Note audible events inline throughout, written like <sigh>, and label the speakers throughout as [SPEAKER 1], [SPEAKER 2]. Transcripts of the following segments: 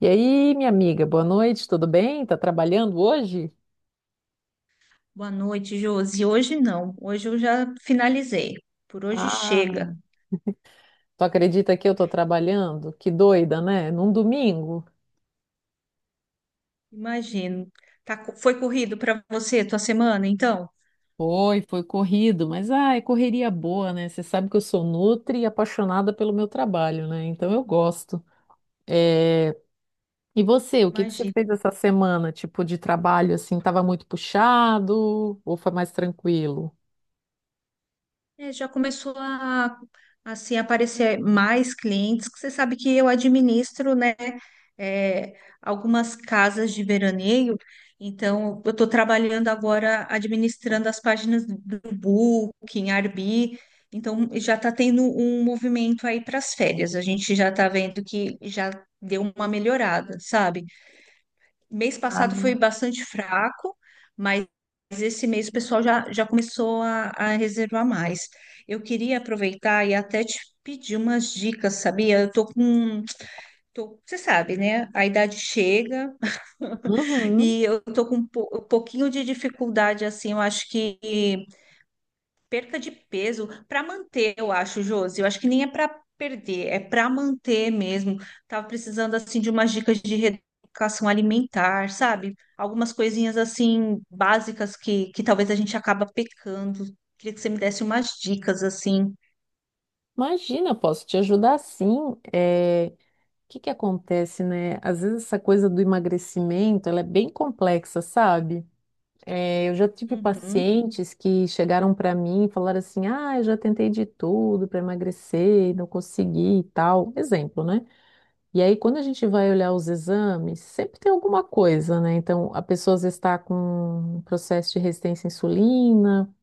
[SPEAKER 1] E aí, minha amiga, boa noite, tudo bem? Tá trabalhando hoje?
[SPEAKER 2] Boa noite, Josi. Hoje não. Hoje eu já finalizei. Por hoje chega.
[SPEAKER 1] Ah, tu acredita que eu tô trabalhando? Que doida, né? Num domingo.
[SPEAKER 2] Imagino. Foi corrido para você tua semana, então?
[SPEAKER 1] Foi corrido, mas é correria boa, né? Você sabe que eu sou nutri e apaixonada pelo meu trabalho, né? Então eu gosto. É, E você, o que que você fez essa semana? Tipo, de trabalho, assim, tava muito puxado ou foi mais tranquilo?
[SPEAKER 2] Já começou a aparecer mais clientes, que você sabe que eu administro, né, é, algumas casas de veraneio, então eu estou trabalhando agora administrando as páginas do Booking, Airbnb, então já está tendo um movimento aí para as férias, a gente já está vendo que já deu uma melhorada, sabe? Mês passado
[SPEAKER 1] Ah.
[SPEAKER 2] foi bastante fraco, mas esse mês o pessoal já começou a reservar mais. Eu queria aproveitar e até te pedir umas dicas, sabia? Eu tô com, tô- Você sabe, né? A idade chega <laughs>
[SPEAKER 1] Uhum.
[SPEAKER 2] e eu tô com um pouquinho de dificuldade, assim, eu acho que perca de peso para manter, eu acho, Josi. Eu acho que nem é para perder, é para manter mesmo. Tava precisando assim de umas dicas de reeducação alimentar, sabe? Algumas coisinhas assim básicas que talvez a gente acaba pecando. Queria que você me desse umas dicas assim.
[SPEAKER 1] Imagina, posso te ajudar sim. O que que acontece, né? Às vezes essa coisa do emagrecimento, ela é bem complexa, sabe? É, eu já tive
[SPEAKER 2] Uhum.
[SPEAKER 1] pacientes que chegaram para mim e falaram assim: "Ah, eu já tentei de tudo para emagrecer, e não consegui e tal". Exemplo, né? E aí quando a gente vai olhar os exames, sempre tem alguma coisa, né? Então, a pessoa às vezes está com um processo de resistência à insulina,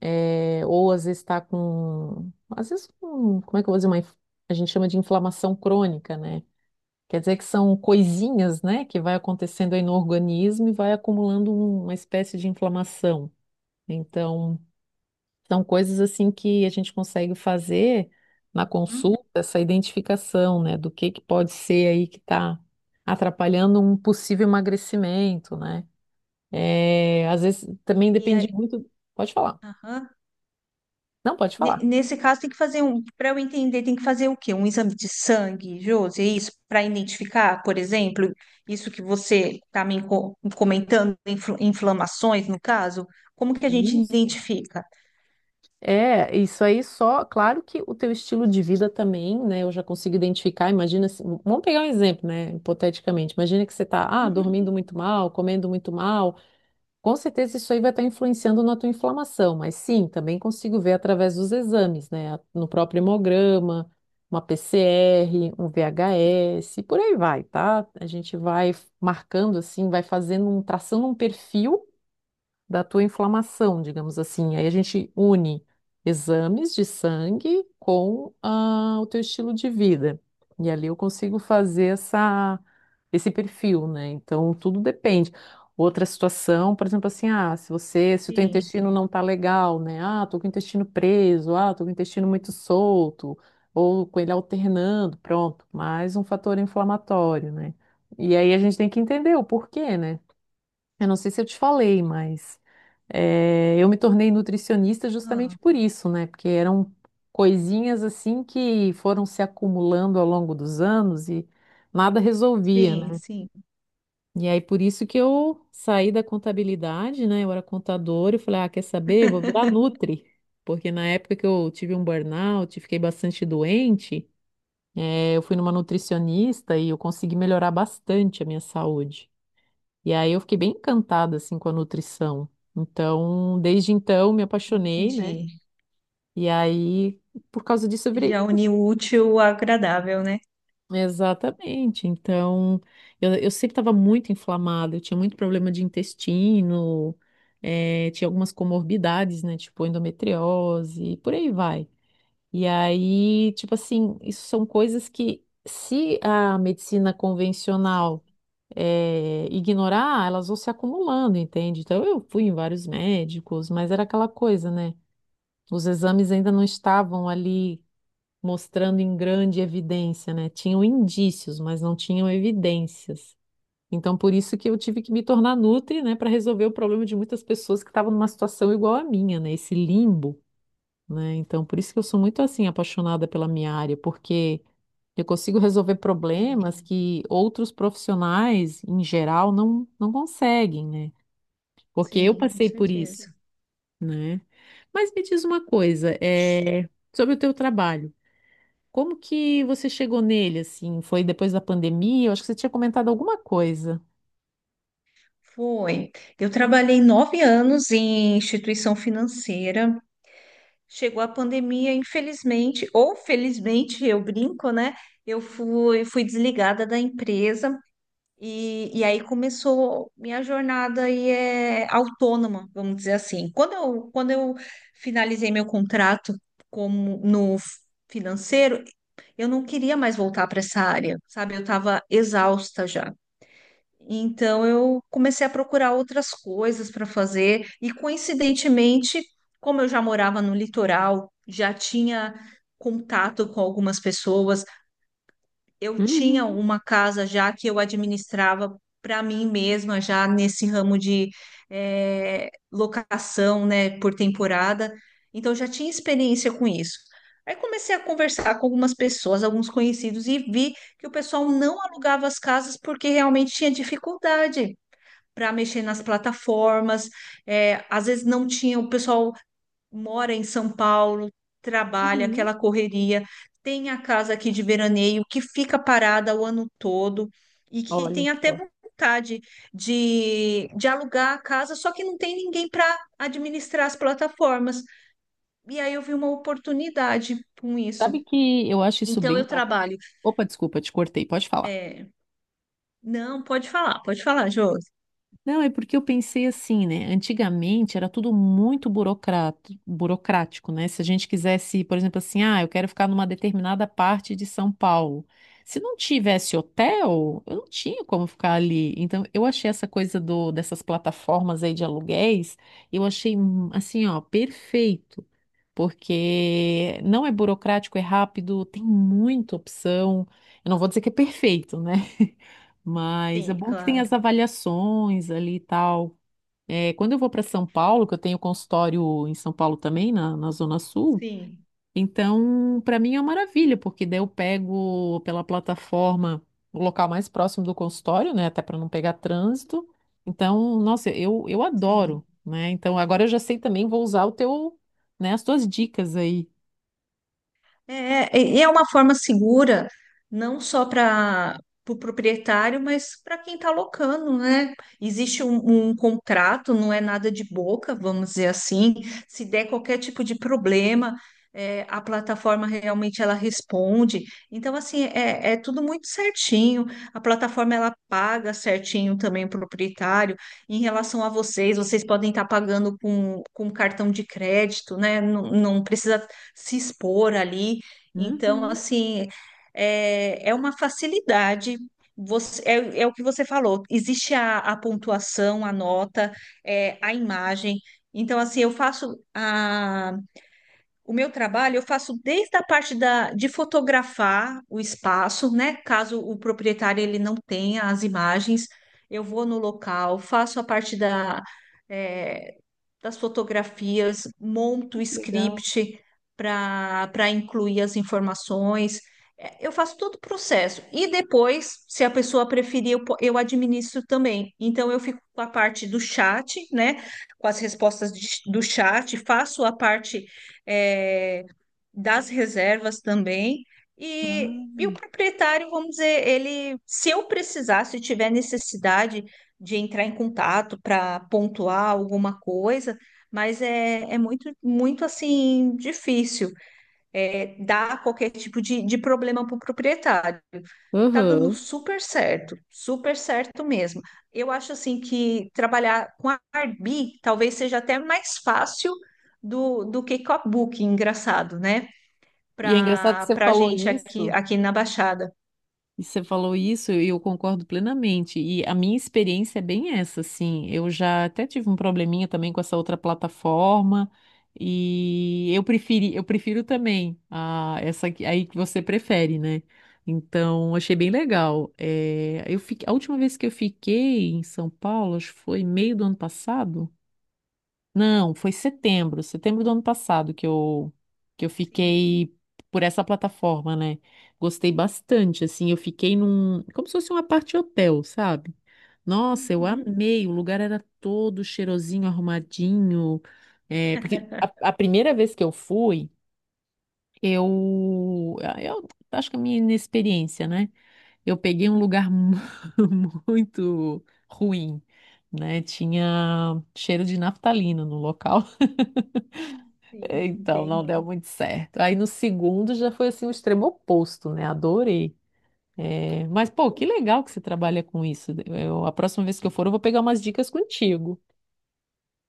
[SPEAKER 1] ou às vezes está com, às vezes, com, como é que eu vou dizer, uma, a gente chama de inflamação crônica, né? Quer dizer que são coisinhas, né, que vai acontecendo aí no organismo e vai acumulando uma espécie de inflamação. Então, são coisas assim que a gente consegue fazer na
[SPEAKER 2] Hum.
[SPEAKER 1] consulta, essa identificação, né, do que pode ser aí que está atrapalhando um possível emagrecimento, né? É, às vezes também
[SPEAKER 2] E
[SPEAKER 1] depende
[SPEAKER 2] aí,
[SPEAKER 1] muito. Pode falar.
[SPEAKER 2] aham.
[SPEAKER 1] Não, pode falar.
[SPEAKER 2] Nesse caso, tem que fazer um, para eu entender, tem que fazer o quê? Um exame de sangue, Josi, é isso? Para identificar, por exemplo, isso que você está me comentando, inflamações, no caso, como que a gente
[SPEAKER 1] Isso.
[SPEAKER 2] identifica?
[SPEAKER 1] É, isso aí só, claro que o teu estilo de vida também, né? Eu já consigo identificar. Imagina, vamos pegar um exemplo, né? Hipoteticamente, imagina que você tá,
[SPEAKER 2] Uhum,
[SPEAKER 1] dormindo muito mal, comendo muito mal. Com certeza isso aí vai estar influenciando na tua inflamação, mas sim, também consigo ver através dos exames, né? No próprio hemograma, uma PCR, um VHS, e por aí vai, tá? A gente vai marcando assim, vai fazendo um, traçando um perfil da tua inflamação, digamos assim. Aí a gente une exames de sangue com o teu estilo de vida. E ali eu consigo fazer essa, esse perfil, né? Então tudo depende. Outra situação, por exemplo, assim, se você, se o teu
[SPEAKER 2] sim,
[SPEAKER 1] intestino não tá legal, né? Ah, tô com o intestino preso, ah, tô com o intestino muito solto, ou com ele alternando, pronto, mais um fator inflamatório, né? E aí a gente tem que entender o porquê, né? Eu não sei se eu te falei, mas eu me tornei nutricionista justamente
[SPEAKER 2] Ah,
[SPEAKER 1] por isso, né? Porque eram coisinhas assim que foram se acumulando ao longo dos anos e nada resolvia,
[SPEAKER 2] sim,
[SPEAKER 1] né?
[SPEAKER 2] sim,
[SPEAKER 1] E aí por isso que eu saí da contabilidade, né? Eu era contadora e falei, ah, quer saber? Vou virar nutri. Porque na época que eu tive um burnout, fiquei bastante doente, eu fui numa nutricionista e eu consegui melhorar bastante a minha saúde. E aí eu fiquei bem encantada assim com a nutrição. Então, desde então me apaixonei, né?
[SPEAKER 2] entendi.
[SPEAKER 1] E aí, por causa disso, eu virei.
[SPEAKER 2] Já uni o útil ao agradável, né?
[SPEAKER 1] Exatamente. Então, eu sempre estava muito inflamada, eu tinha muito problema de intestino, tinha algumas comorbidades, né? Tipo endometriose, e por aí vai. E aí, tipo assim, isso são coisas que, se a medicina convencional ignorar, elas vão se acumulando, entende? Então eu fui em vários médicos, mas era aquela coisa, né? Os exames ainda não estavam ali mostrando em grande evidência, né? Tinham indícios, mas não tinham evidências. Então por isso que eu tive que me tornar nutri, né, para resolver o problema de muitas pessoas que estavam numa situação igual à minha, né? Esse limbo né? Então, por isso que eu sou muito assim apaixonada pela minha área, porque eu consigo <laughs> resolver
[SPEAKER 2] Sim,
[SPEAKER 1] problemas que outros profissionais, em geral, não conseguem, né? Porque eu
[SPEAKER 2] sim, com
[SPEAKER 1] passei por
[SPEAKER 2] certeza.
[SPEAKER 1] isso, né? Mas me diz uma coisa, sobre o teu trabalho. Como que você chegou nele, assim? Foi depois da pandemia? Eu acho que você tinha comentado alguma coisa.
[SPEAKER 2] Foi. Eu trabalhei 9 anos em instituição financeira. Chegou a pandemia, infelizmente, ou felizmente, eu brinco, né? Eu fui desligada da empresa e aí começou minha jornada aí é autônoma, vamos dizer assim. Quando eu finalizei meu contrato como no financeiro, eu não queria mais voltar para essa área, sabe? Eu estava exausta já. Então eu comecei a procurar outras coisas para fazer e coincidentemente, como eu já morava no litoral, já tinha contato com algumas pessoas, eu tinha
[SPEAKER 1] Uhum,
[SPEAKER 2] uma casa já que eu administrava para mim mesma já nesse ramo de locação, né, por temporada. Então eu já tinha experiência com isso. Aí comecei a conversar com algumas pessoas, alguns conhecidos, e vi que o pessoal não alugava as casas porque realmente tinha dificuldade para mexer nas plataformas. É, às vezes não tinha, o pessoal mora em São Paulo, trabalha,
[SPEAKER 1] uhum.
[SPEAKER 2] aquela correria. Tem a casa aqui de veraneio que fica parada o ano todo e que
[SPEAKER 1] Olha
[SPEAKER 2] tem até
[SPEAKER 1] só.
[SPEAKER 2] vontade de alugar a casa, só que não tem ninguém para administrar as plataformas. E aí eu vi uma oportunidade com isso.
[SPEAKER 1] Sabe que eu acho isso
[SPEAKER 2] Então
[SPEAKER 1] bem...
[SPEAKER 2] eu trabalho.
[SPEAKER 1] Opa, desculpa, te cortei. Pode falar.
[SPEAKER 2] é, Não, pode falar, Jô.
[SPEAKER 1] Não, é porque eu pensei assim, né? Antigamente era tudo muito burocrático, né? Se a gente quisesse, por exemplo, assim, ah, eu quero ficar numa determinada parte de São Paulo. Se não tivesse hotel, eu não tinha como ficar ali. Então, eu achei essa coisa do, dessas plataformas aí de aluguéis, eu achei assim, ó, perfeito, porque não é burocrático, é rápido, tem muita opção. Eu não vou dizer que é perfeito, né? Mas é
[SPEAKER 2] Sim,
[SPEAKER 1] bom que tem
[SPEAKER 2] claro.
[SPEAKER 1] as avaliações ali e tal. É, quando eu vou para São Paulo, que eu tenho consultório em São Paulo também, na Zona Sul,
[SPEAKER 2] Sim,
[SPEAKER 1] então para mim é uma maravilha, porque daí eu pego pela plataforma o local mais próximo do consultório, né, até para não pegar trânsito. Então, nossa, eu
[SPEAKER 2] sim.
[SPEAKER 1] adoro, né? Então agora eu já sei também, vou usar o teu, né, as tuas dicas aí.
[SPEAKER 2] É, e é uma forma segura, não só para o proprietário, mas para quem está locando, né? Existe um contrato, não é nada de boca, vamos dizer assim. Se der qualquer tipo de problema, a plataforma realmente ela responde. Então, assim, é tudo muito certinho. A plataforma ela paga certinho também o proprietário. Em relação a vocês, vocês podem estar pagando com cartão de crédito, né? Não precisa se expor ali. Então,
[SPEAKER 1] Uhum,
[SPEAKER 2] assim, é uma facilidade. É o que você falou, existe a pontuação, a nota, a imagem. Então, assim, o meu trabalho, eu faço desde de fotografar o espaço, né? Caso o proprietário ele não tenha as imagens, eu vou no local, faço a parte da, é, das fotografias, monto o
[SPEAKER 1] que legal.
[SPEAKER 2] script para incluir as informações. É, Eu faço todo o processo. E depois, se a pessoa preferir, eu administro também. Então, eu fico com a parte do chat, né? Com as respostas do chat, faço a parte, é, das reservas também. E o
[SPEAKER 1] Ah.
[SPEAKER 2] proprietário, vamos dizer, ele, se eu precisar, se tiver necessidade, de entrar em contato para pontuar alguma coisa, mas é, é muito assim difícil dar qualquer tipo de problema para o proprietário. Tá dando
[SPEAKER 1] Uhum.
[SPEAKER 2] super certo mesmo. Eu acho assim que trabalhar com a Arbi talvez seja até mais fácil do que com a Booking, engraçado, né?
[SPEAKER 1] E é engraçado que
[SPEAKER 2] Para
[SPEAKER 1] você falou
[SPEAKER 2] gente
[SPEAKER 1] isso.
[SPEAKER 2] aqui na Baixada.
[SPEAKER 1] E você falou isso e eu concordo plenamente. E a minha experiência é bem essa, assim. Eu já até tive um probleminha também com essa outra plataforma e eu preferi, eu prefiro também a essa aí que você prefere, né? Então, achei bem legal. É, eu fiquei, a última vez que eu fiquei em São Paulo, acho que foi meio do ano passado. Não, foi setembro do ano passado que eu
[SPEAKER 2] Sim.
[SPEAKER 1] fiquei por essa plataforma, né? Gostei bastante, assim, eu fiquei num, como se fosse uma parte hotel, sabe? Nossa, eu
[SPEAKER 2] Uhum.
[SPEAKER 1] amei, o lugar era todo cheirosinho, arrumadinho, porque a primeira vez que eu fui, eu acho que é a minha inexperiência, né? Eu peguei um lugar <laughs> muito ruim, né? Tinha cheiro de naftalina no local.
[SPEAKER 2] Sim,
[SPEAKER 1] Então, não
[SPEAKER 2] entendi.
[SPEAKER 1] deu muito certo. Aí no segundo já foi assim o extremo oposto, né? Adorei. É, mas, pô, que legal que você trabalha com isso. Eu- a próxima vez que eu for, eu vou pegar umas dicas contigo.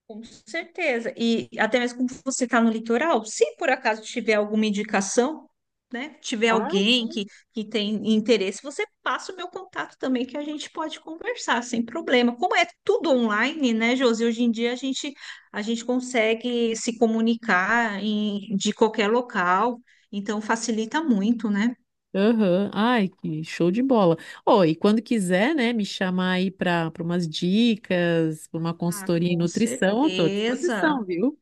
[SPEAKER 2] Com certeza. E até mesmo como você está no litoral, se por acaso tiver alguma indicação, né? Tiver
[SPEAKER 1] Ah,
[SPEAKER 2] alguém
[SPEAKER 1] sim.
[SPEAKER 2] que tem interesse, você passa o meu contato também, que a gente pode conversar sem problema. Como é tudo online, né, Josi? Hoje em dia a gente consegue se comunicar de qualquer local, então facilita muito, né?
[SPEAKER 1] Aham. Ai, que show de bola. Ó, e quando quiser, né, me chamar aí para umas dicas, para uma
[SPEAKER 2] Ah,
[SPEAKER 1] consultoria em
[SPEAKER 2] com
[SPEAKER 1] nutrição, eu tô à
[SPEAKER 2] certeza.
[SPEAKER 1] disposição, viu?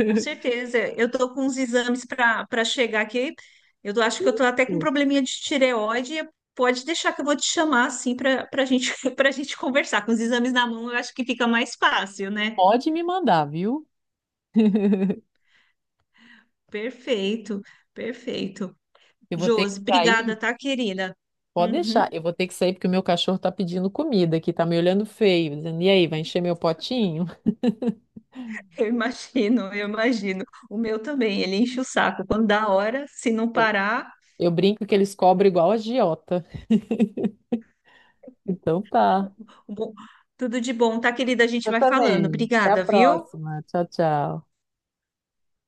[SPEAKER 2] Com certeza. Eu tô com uns exames para chegar aqui. Acho que eu tô até com um probleminha de tireoide. Pode deixar que eu vou te chamar assim para gente <laughs> para gente conversar. Com os exames na mão, eu acho que fica mais fácil, né?
[SPEAKER 1] Pode me mandar, viu?
[SPEAKER 2] Perfeito, perfeito.
[SPEAKER 1] Eu vou ter que
[SPEAKER 2] Josi, obrigada,
[SPEAKER 1] sair.
[SPEAKER 2] tá, querida?
[SPEAKER 1] Pode deixar,
[SPEAKER 2] Uhum,
[SPEAKER 1] eu vou ter que sair porque o meu cachorro tá pedindo comida aqui, tá me olhando feio, dizendo, e aí, vai encher meu potinho?
[SPEAKER 2] <laughs> eu imagino, eu imagino. O meu também, ele enche o saco. Quando dá hora, se não
[SPEAKER 1] Eu,
[SPEAKER 2] parar,
[SPEAKER 1] eu brinco que eles cobram igual agiota. Então tá.
[SPEAKER 2] bom, tudo de bom, tá, querida? A gente
[SPEAKER 1] Eu
[SPEAKER 2] vai falando.
[SPEAKER 1] também. Até a
[SPEAKER 2] Obrigada, viu?
[SPEAKER 1] próxima. Tchau, tchau.